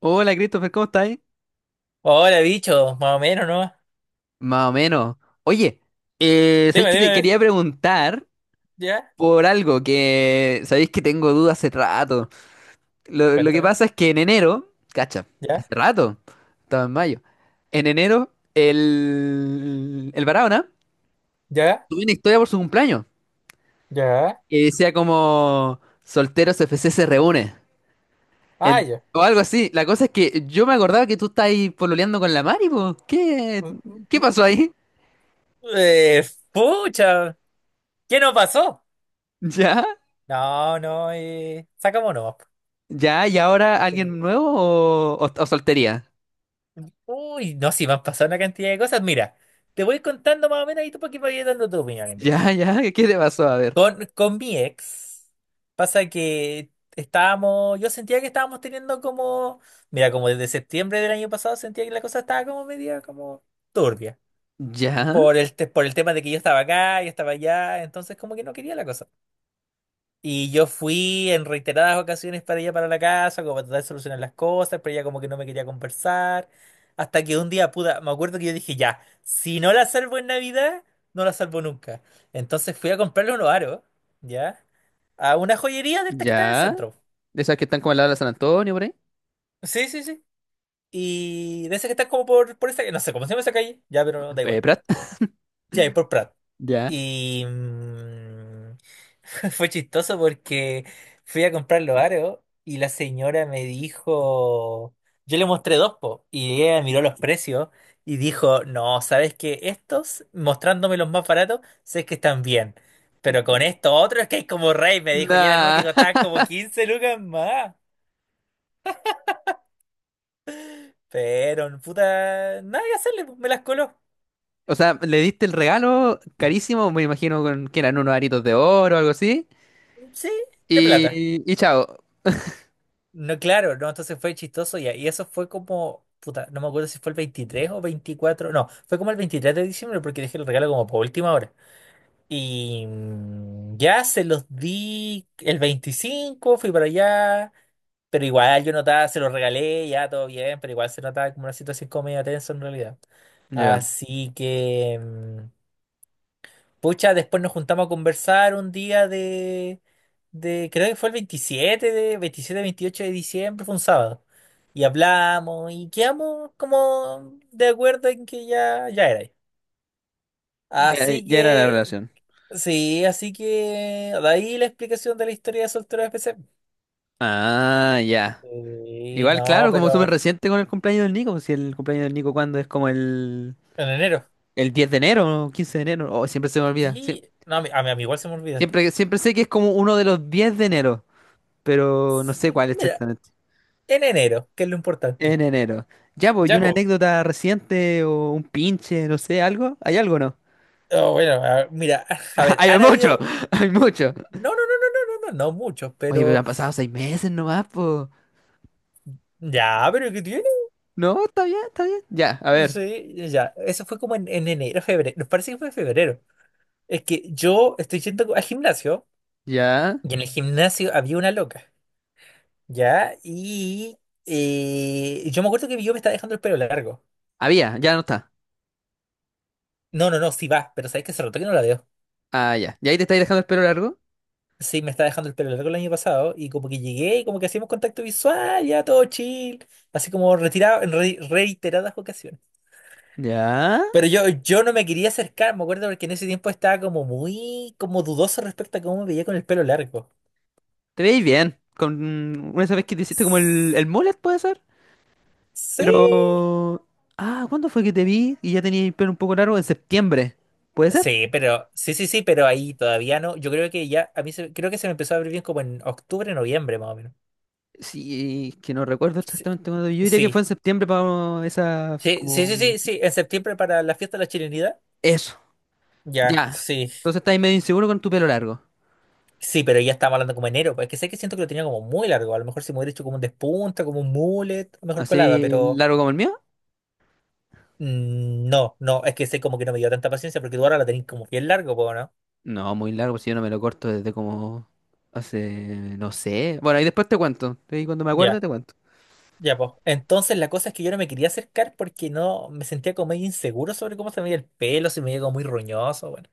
Hola Christopher, ¿cómo estás? Hola, bicho, más o menos, ¿no? Más o menos. Oye, ¿sabéis Dime, que te dime, quería preguntar ya, por algo que sabéis que tengo dudas hace rato? Lo que cuéntame, pasa es que en enero, cacha, ya, hace rato, estaba en mayo. En enero, el Barahona ya, tuvo una historia por su cumpleaños ya, que decía como solteros FC se reúne. ah, En- ya. o algo así. La cosa es que yo me acordaba que tú estabas ahí pololeando con la Mari, po. ¿Qué, Mm, mm, qué mm. pasó ahí? Eh, Pucha, ¿qué nos pasó? ¿Ya? No, no, sacamos no. Ya, ¿y ahora alguien nuevo o, o soltería? Uy, no, sí, me han pasado una cantidad de cosas. Mira, te voy contando más o menos y tú para que vayas dando tu opinión. Mira, Ya, ya, ¿qué le pasó? A ver. con mi ex, pasa que estábamos, yo sentía que estábamos teniendo como, mira, como desde septiembre del año pasado sentía que la cosa estaba como media, como turbia. Ya, Por por el tema de que yo estaba acá, yo estaba allá, entonces como que no quería la cosa. Y yo fui en reiteradas ocasiones para ella para la casa, como para tratar de solucionar las cosas, pero ella como que no me quería conversar. Hasta que un día, puta, me acuerdo que yo dije, ya, si no la salvo en Navidad, no la salvo nunca. Entonces fui a comprarle unos aros, ¿ya? A una joyería de estas que está en el ya. centro. De esas que están como al lado de la San Antonio, por ahí. Sí, sí, sí. Y de esas que están como por esa, no sé cómo se llama esa calle, ya, pero da igual. Prat. Sí, ahí por Prat. Ya. Y... mm, Fue chistoso porque fui a comprar los aros y la señora me dijo, yo le mostré dos, po, y ella miró los precios y dijo, no, ¿sabes qué? Estos, mostrándome los más baratos, sé que están bien, pero con estos otros que hay como rey, me dijo, y eran uno Nah. que costaban como 15 lucas más, pero puta, nada que hacerle, po, me las coló, O sea, le diste el regalo carísimo, me imagino con, que eran unos aritos de oro o algo así. sí, de plata. Y chao. No, claro, no, entonces fue chistoso ya. Y eso fue como, puta, no me acuerdo si fue el 23 o 24, no, fue como el 23 de diciembre porque dejé el regalo como por última hora. Y ya se los di el 25, fui para allá, pero igual yo notaba, se los regalé, ya todo bien, pero igual se notaba como una situación como medio tensa en realidad. Ya. Así que... mm, Pucha, después nos juntamos a conversar un día de creo que fue de 27, 28 de diciembre, fue un sábado. Y hablamos y quedamos como de acuerdo en que ya, ya era ahí. Ya, Así ya era la que, relación. sí, así que de ahí la explicación de la historia de soltero de PC. Ah, ya. Sí, Igual, no, claro, como súper pero reciente con el cumpleaños del Nico, pues. Si el cumpleaños del Nico, ¿cuándo es como el...? en enero. El 10 de enero, 15 de enero, oh, siempre se me olvida. Sí, no, a mí igual se me olvida. Siempre, siempre sé que es como uno de los 10 de enero, pero no Sí, sé cuál mira, exactamente. en enero, que es lo En importante. enero. Ya, pues, ¿y Ya, una pues. anécdota reciente o un pinche, no sé, algo? ¿Hay algo o no? Bueno, mira, a ver, Hay han mucho, habido... hay mucho. No, no, no, no, no, no, no, no muchos, Oye, pero pero han pasado seis meses nomás, pues. ya, pero ¿qué tiene? No, está bien, está bien. Ya, a ver. Sí, ya, eso fue como en enero, febrero, nos parece que fue en febrero. Es que yo estoy yendo al gimnasio Ya. y en el gimnasio había una loca, ¿ya? Y yo me acuerdo que yo me estaba dejando el pelo largo. Ah, había, ya no está. No, no, no, sí va, pero sabes que se notó que no la veo. Ah, ya. ¿Y ahí te estáis dejando el pelo largo? Sí, me estaba dejando el pelo largo el año pasado y como que llegué y como que hacíamos contacto visual, ya todo chill, así como retirado en reiteradas ocasiones. Ya. Pero yo no me quería acercar, me acuerdo porque en ese tiempo estaba como muy como dudoso respecto a cómo me veía con el pelo largo. Te veis bien. Con una vez que te hiciste como el, S- el mullet, ¿puede ser? Sí, Pero... Ah, ¿cuándo fue que te vi y ya tenía el pelo un poco largo? En septiembre. ¿Puede ser? sí, pero sí, sí, sí, pero ahí todavía no. Yo creo que ya, creo que se me empezó a abrir bien como en octubre, noviembre más o menos. Sí, es que no recuerdo Sí, exactamente cuándo. Yo diría que sí, fue en septiembre para esa... sí, sí, sí, como... sí, sí, en septiembre para la fiesta de la chilenidad. Eso. Ya, Ya. sí, Entonces estás medio inseguro con tu pelo largo. sí, pero ya estamos hablando como enero, pues que sé que siento que lo tenía como muy largo. A lo mejor si me hubiera hecho como un despunta, como un mullet, mejor colada, ¿Así pero... largo como el mío? No, no, es que sé como que no me dio tanta paciencia porque tú ahora la tenés como bien largo, po, ¿no? No, muy largo, si yo no me lo corto desde como... Hace... no sé. Bueno, ahí después te cuento. Ahí cuando me acuerde Ya, te cuento. ya, pues. Entonces la cosa es que yo no me quería acercar porque no me sentía como medio inseguro sobre cómo se me veía el pelo, si me veía como muy roñoso, bueno.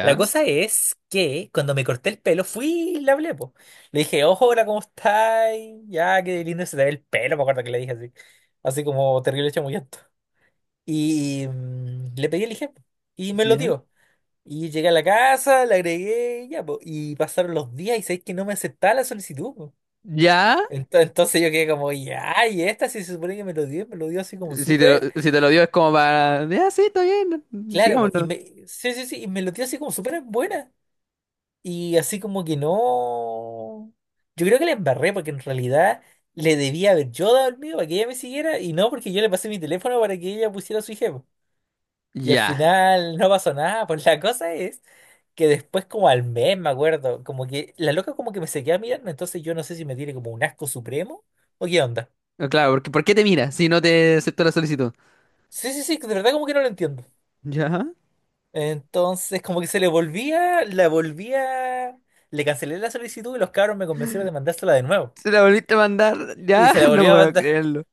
La cosa es que cuando me corté el pelo fui y le hablé, po. Le dije, ojo, hola, ¿cómo estáis? Ya, qué lindo se te ve el pelo, me acuerdo que le dije así. Así como terrible chamullento. Y le pedí el IGEM y me lo Ya. dio. Y llegué a la casa, la agregué, y ya, po. Y pasaron los días y sabéis que no me aceptaba la solicitud, po. Ya. Entonces, yo quedé como, ya, y esta sí se supone que me lo dio así como Si te súper, lo, si te lo dio es como para... Ya, sí, está bien. claro, po, y Sigámonos. me, sí, sí, sí, y me lo dio así como súper buena. Y así como que no. Yo creo que la embarré porque en realidad le debía haber yo dado el mío para que ella me siguiera y no porque yo le pasé mi teléfono para que ella pusiera su IG. Y al Ya. final no pasó nada, pues la cosa es que después como al mes, me acuerdo, como que la loca como que me seguía mirando, entonces yo no sé si me tiene como un asco supremo o qué onda. Ah, claro, porque ¿por qué te mira si no te aceptó la solicitud? Sí, sí, sí, de verdad como que no lo entiendo. ¿Ya? Entonces como que se le volvía, la volvía, le cancelé la solicitud y los cabros me convencieron de mandársela de nuevo. ¿Se la volviste a mandar? Y Ya, se la volví no a puedo mandar. creerlo.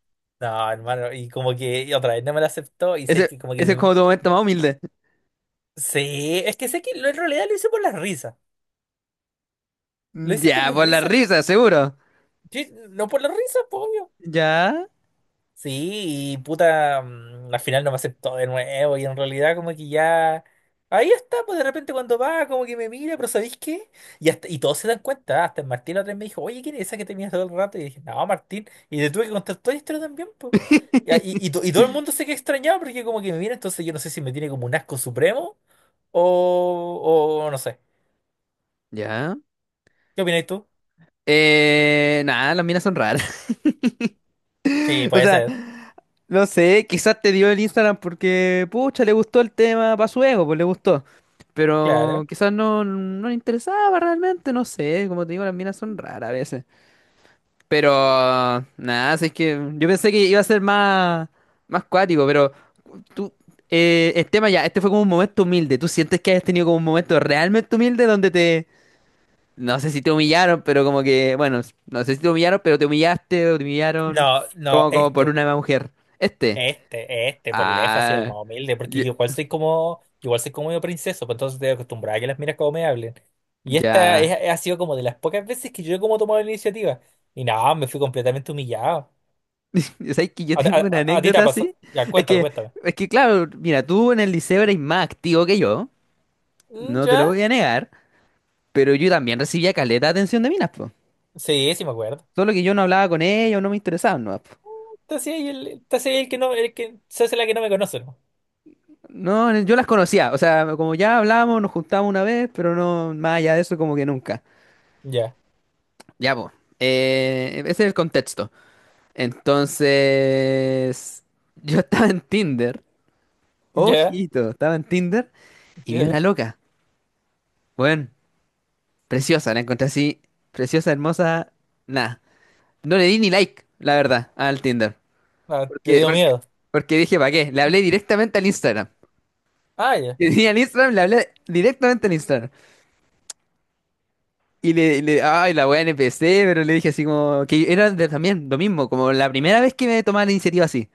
No, hermano, y como que y otra vez no me la aceptó y sé Ese, que como que ese es me... como tu momento más humilde. Sí, es que sé que en realidad lo hice por las risas. Lo hice por Ya, las por la risas. risa, seguro. Sí, no por las risas, pues, obvio. ¿Ya? Sí, y puta, al final no me aceptó de nuevo y en realidad como que ya... Ahí está, pues de repente cuando va, como que me mira, pero ¿sabéis qué? Y todos se dan cuenta, hasta el Martín otra vez me dijo, oye, ¿quién es esa que tenías todo el rato? Y dije, no, Martín, y le tuve que contar toda la historia también, pues. Y, y, y to- y todo el mundo se queda extrañado porque como que me mira, entonces yo no sé si me tiene como un asco supremo o no sé. Ya. ¿Qué opináis tú? Nada, las minas son raras. Sí, O puede sea, ser, no sé, quizás te dio el Instagram porque, pucha, le gustó el tema para su ego, pues le gustó. Pero claro. quizás no, no le interesaba realmente, no sé. Como te digo, las minas son raras a veces. Pero nada, así es que yo pensé que iba a ser más, más cuático, pero tú, el tema ya, este fue como un momento humilde. ¿Tú sientes que has tenido como un momento realmente humilde donde te, no sé si te humillaron, pero como que, bueno, no sé si te humillaron, pero te humillaste o te humillaron No, no, como, como por una mujer? Este. Por lejos, así el Ah, más humilde, porque ya. Yo igual soy como medio princeso, pues entonces estoy acostumbrada a que las miras como me hablen. Y Ya. Ha sido como de las pocas veces que yo he como tomado la iniciativa. Y nada, me fui completamente humillado. ¿Sabes que yo ¿A, tengo a- una a- a ti te ha anécdota pasado? así? Ya, Es cuéntame, que, cuéntame. es que claro, mira, tú en el liceo eres más activo que yo, Mm, no te lo ¿ya? voy a negar. Pero yo también recibía caleta de atención de minas, po. Sí, sí me acuerdo. Solo que yo no hablaba con ellas, no me interesaban, no, po. Te hacía ahí el que no, el que se hace la que no me conoce, ¿no? No, yo las conocía, o sea, como ya hablábamos, nos juntábamos una vez, pero no, más allá de eso, como que nunca. Ya, Ya, po. Ese es el contexto. Entonces, yo estaba en Tinder, ya, ojito, estaba en Tinder y vi una ya. loca, bueno, preciosa, la encontré así, preciosa, hermosa, nada. No le di ni like, la verdad, al Tinder. Ah, te Porque, dio porque, miedo. porque dije, ¿para qué? Le hablé directamente al Instagram. Ah, ya, Y tenía el Instagram, le hablé directamente en Instagram. Y le, ay, la wea NPC, pero le dije así como, también lo mismo, como la primera vez que me tomaba la iniciativa así.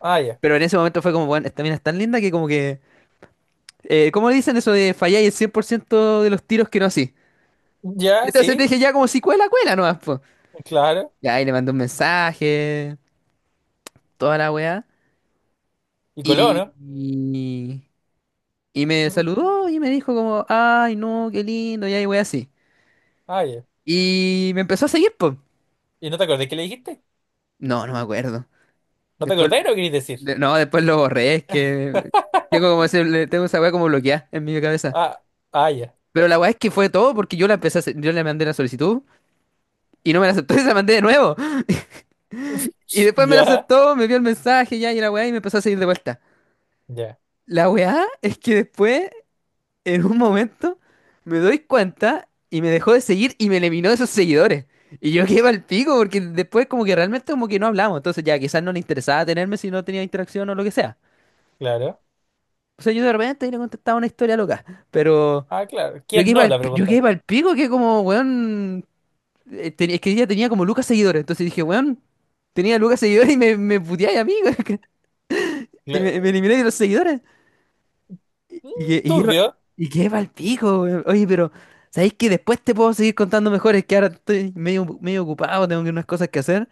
ah, ya. Pero en ese momento fue como, bueno, esta mina es tan linda que como que, ¿cómo dicen eso de fallar el 100% de los tiros que no así? Ya, Entonces le sí, dije ya como si cuela, cuela nomás, po. claro. Y ahí le mandé un mensaje, toda la wea. Y coló, Y, ¿no? y, y me Mm, saludó y me dijo como, ay, no, qué lindo, y ahí wea así. ah, ya. Y me empezó a seguir, pues. ¿Y no te acordás que le dijiste? No, no me acuerdo. ¿No te Después, acordás de lo que querés decir? No, después lo borré, es que tengo como tengo esa weá como bloqueada en mi cabeza. Ah, ah, ya. Pero la weá es que fue todo porque yo la empecé a hacer- yo le mandé la solicitud y no me la aceptó y se la mandé de nuevo. Y después me la Ya, aceptó, me vio el mensaje ya y la weá y me empezó a seguir de vuelta. ya, La weá es que después, en un momento, me doy cuenta y me dejó de seguir y me eliminó de sus seguidores. Y yo quedé al pico porque después como que realmente como que no hablamos. Entonces ya quizás no le interesaba tenerme si no tenía interacción o lo que sea. claro. O sea, yo de repente le contestaba una historia loca, pero Ah, claro. ¿Quién no? La yo que pregunta. iba al pico, que como, weón, es que ella tenía como lucas seguidores, entonces dije, weón, tenía lucas seguidores y me puteáis a mí, weón, y Cla- me elimináis de los seguidores. Y que, mm, y que iba, Turbio. y que iba al pico, weón. Oye, pero, ¿sabéis que después te puedo seguir contando mejor? Es que ahora estoy medio, medio ocupado, unas cosas que hacer,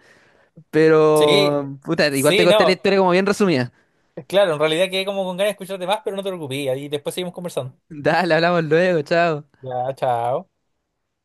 Sí, pero, puta, igual te sí, conté la no. historia como bien resumida. Claro, en realidad quedé como con ganas de escucharte más, pero no te preocupes. Y después seguimos conversando. Dale, hablamos luego, chao. Ya, chao.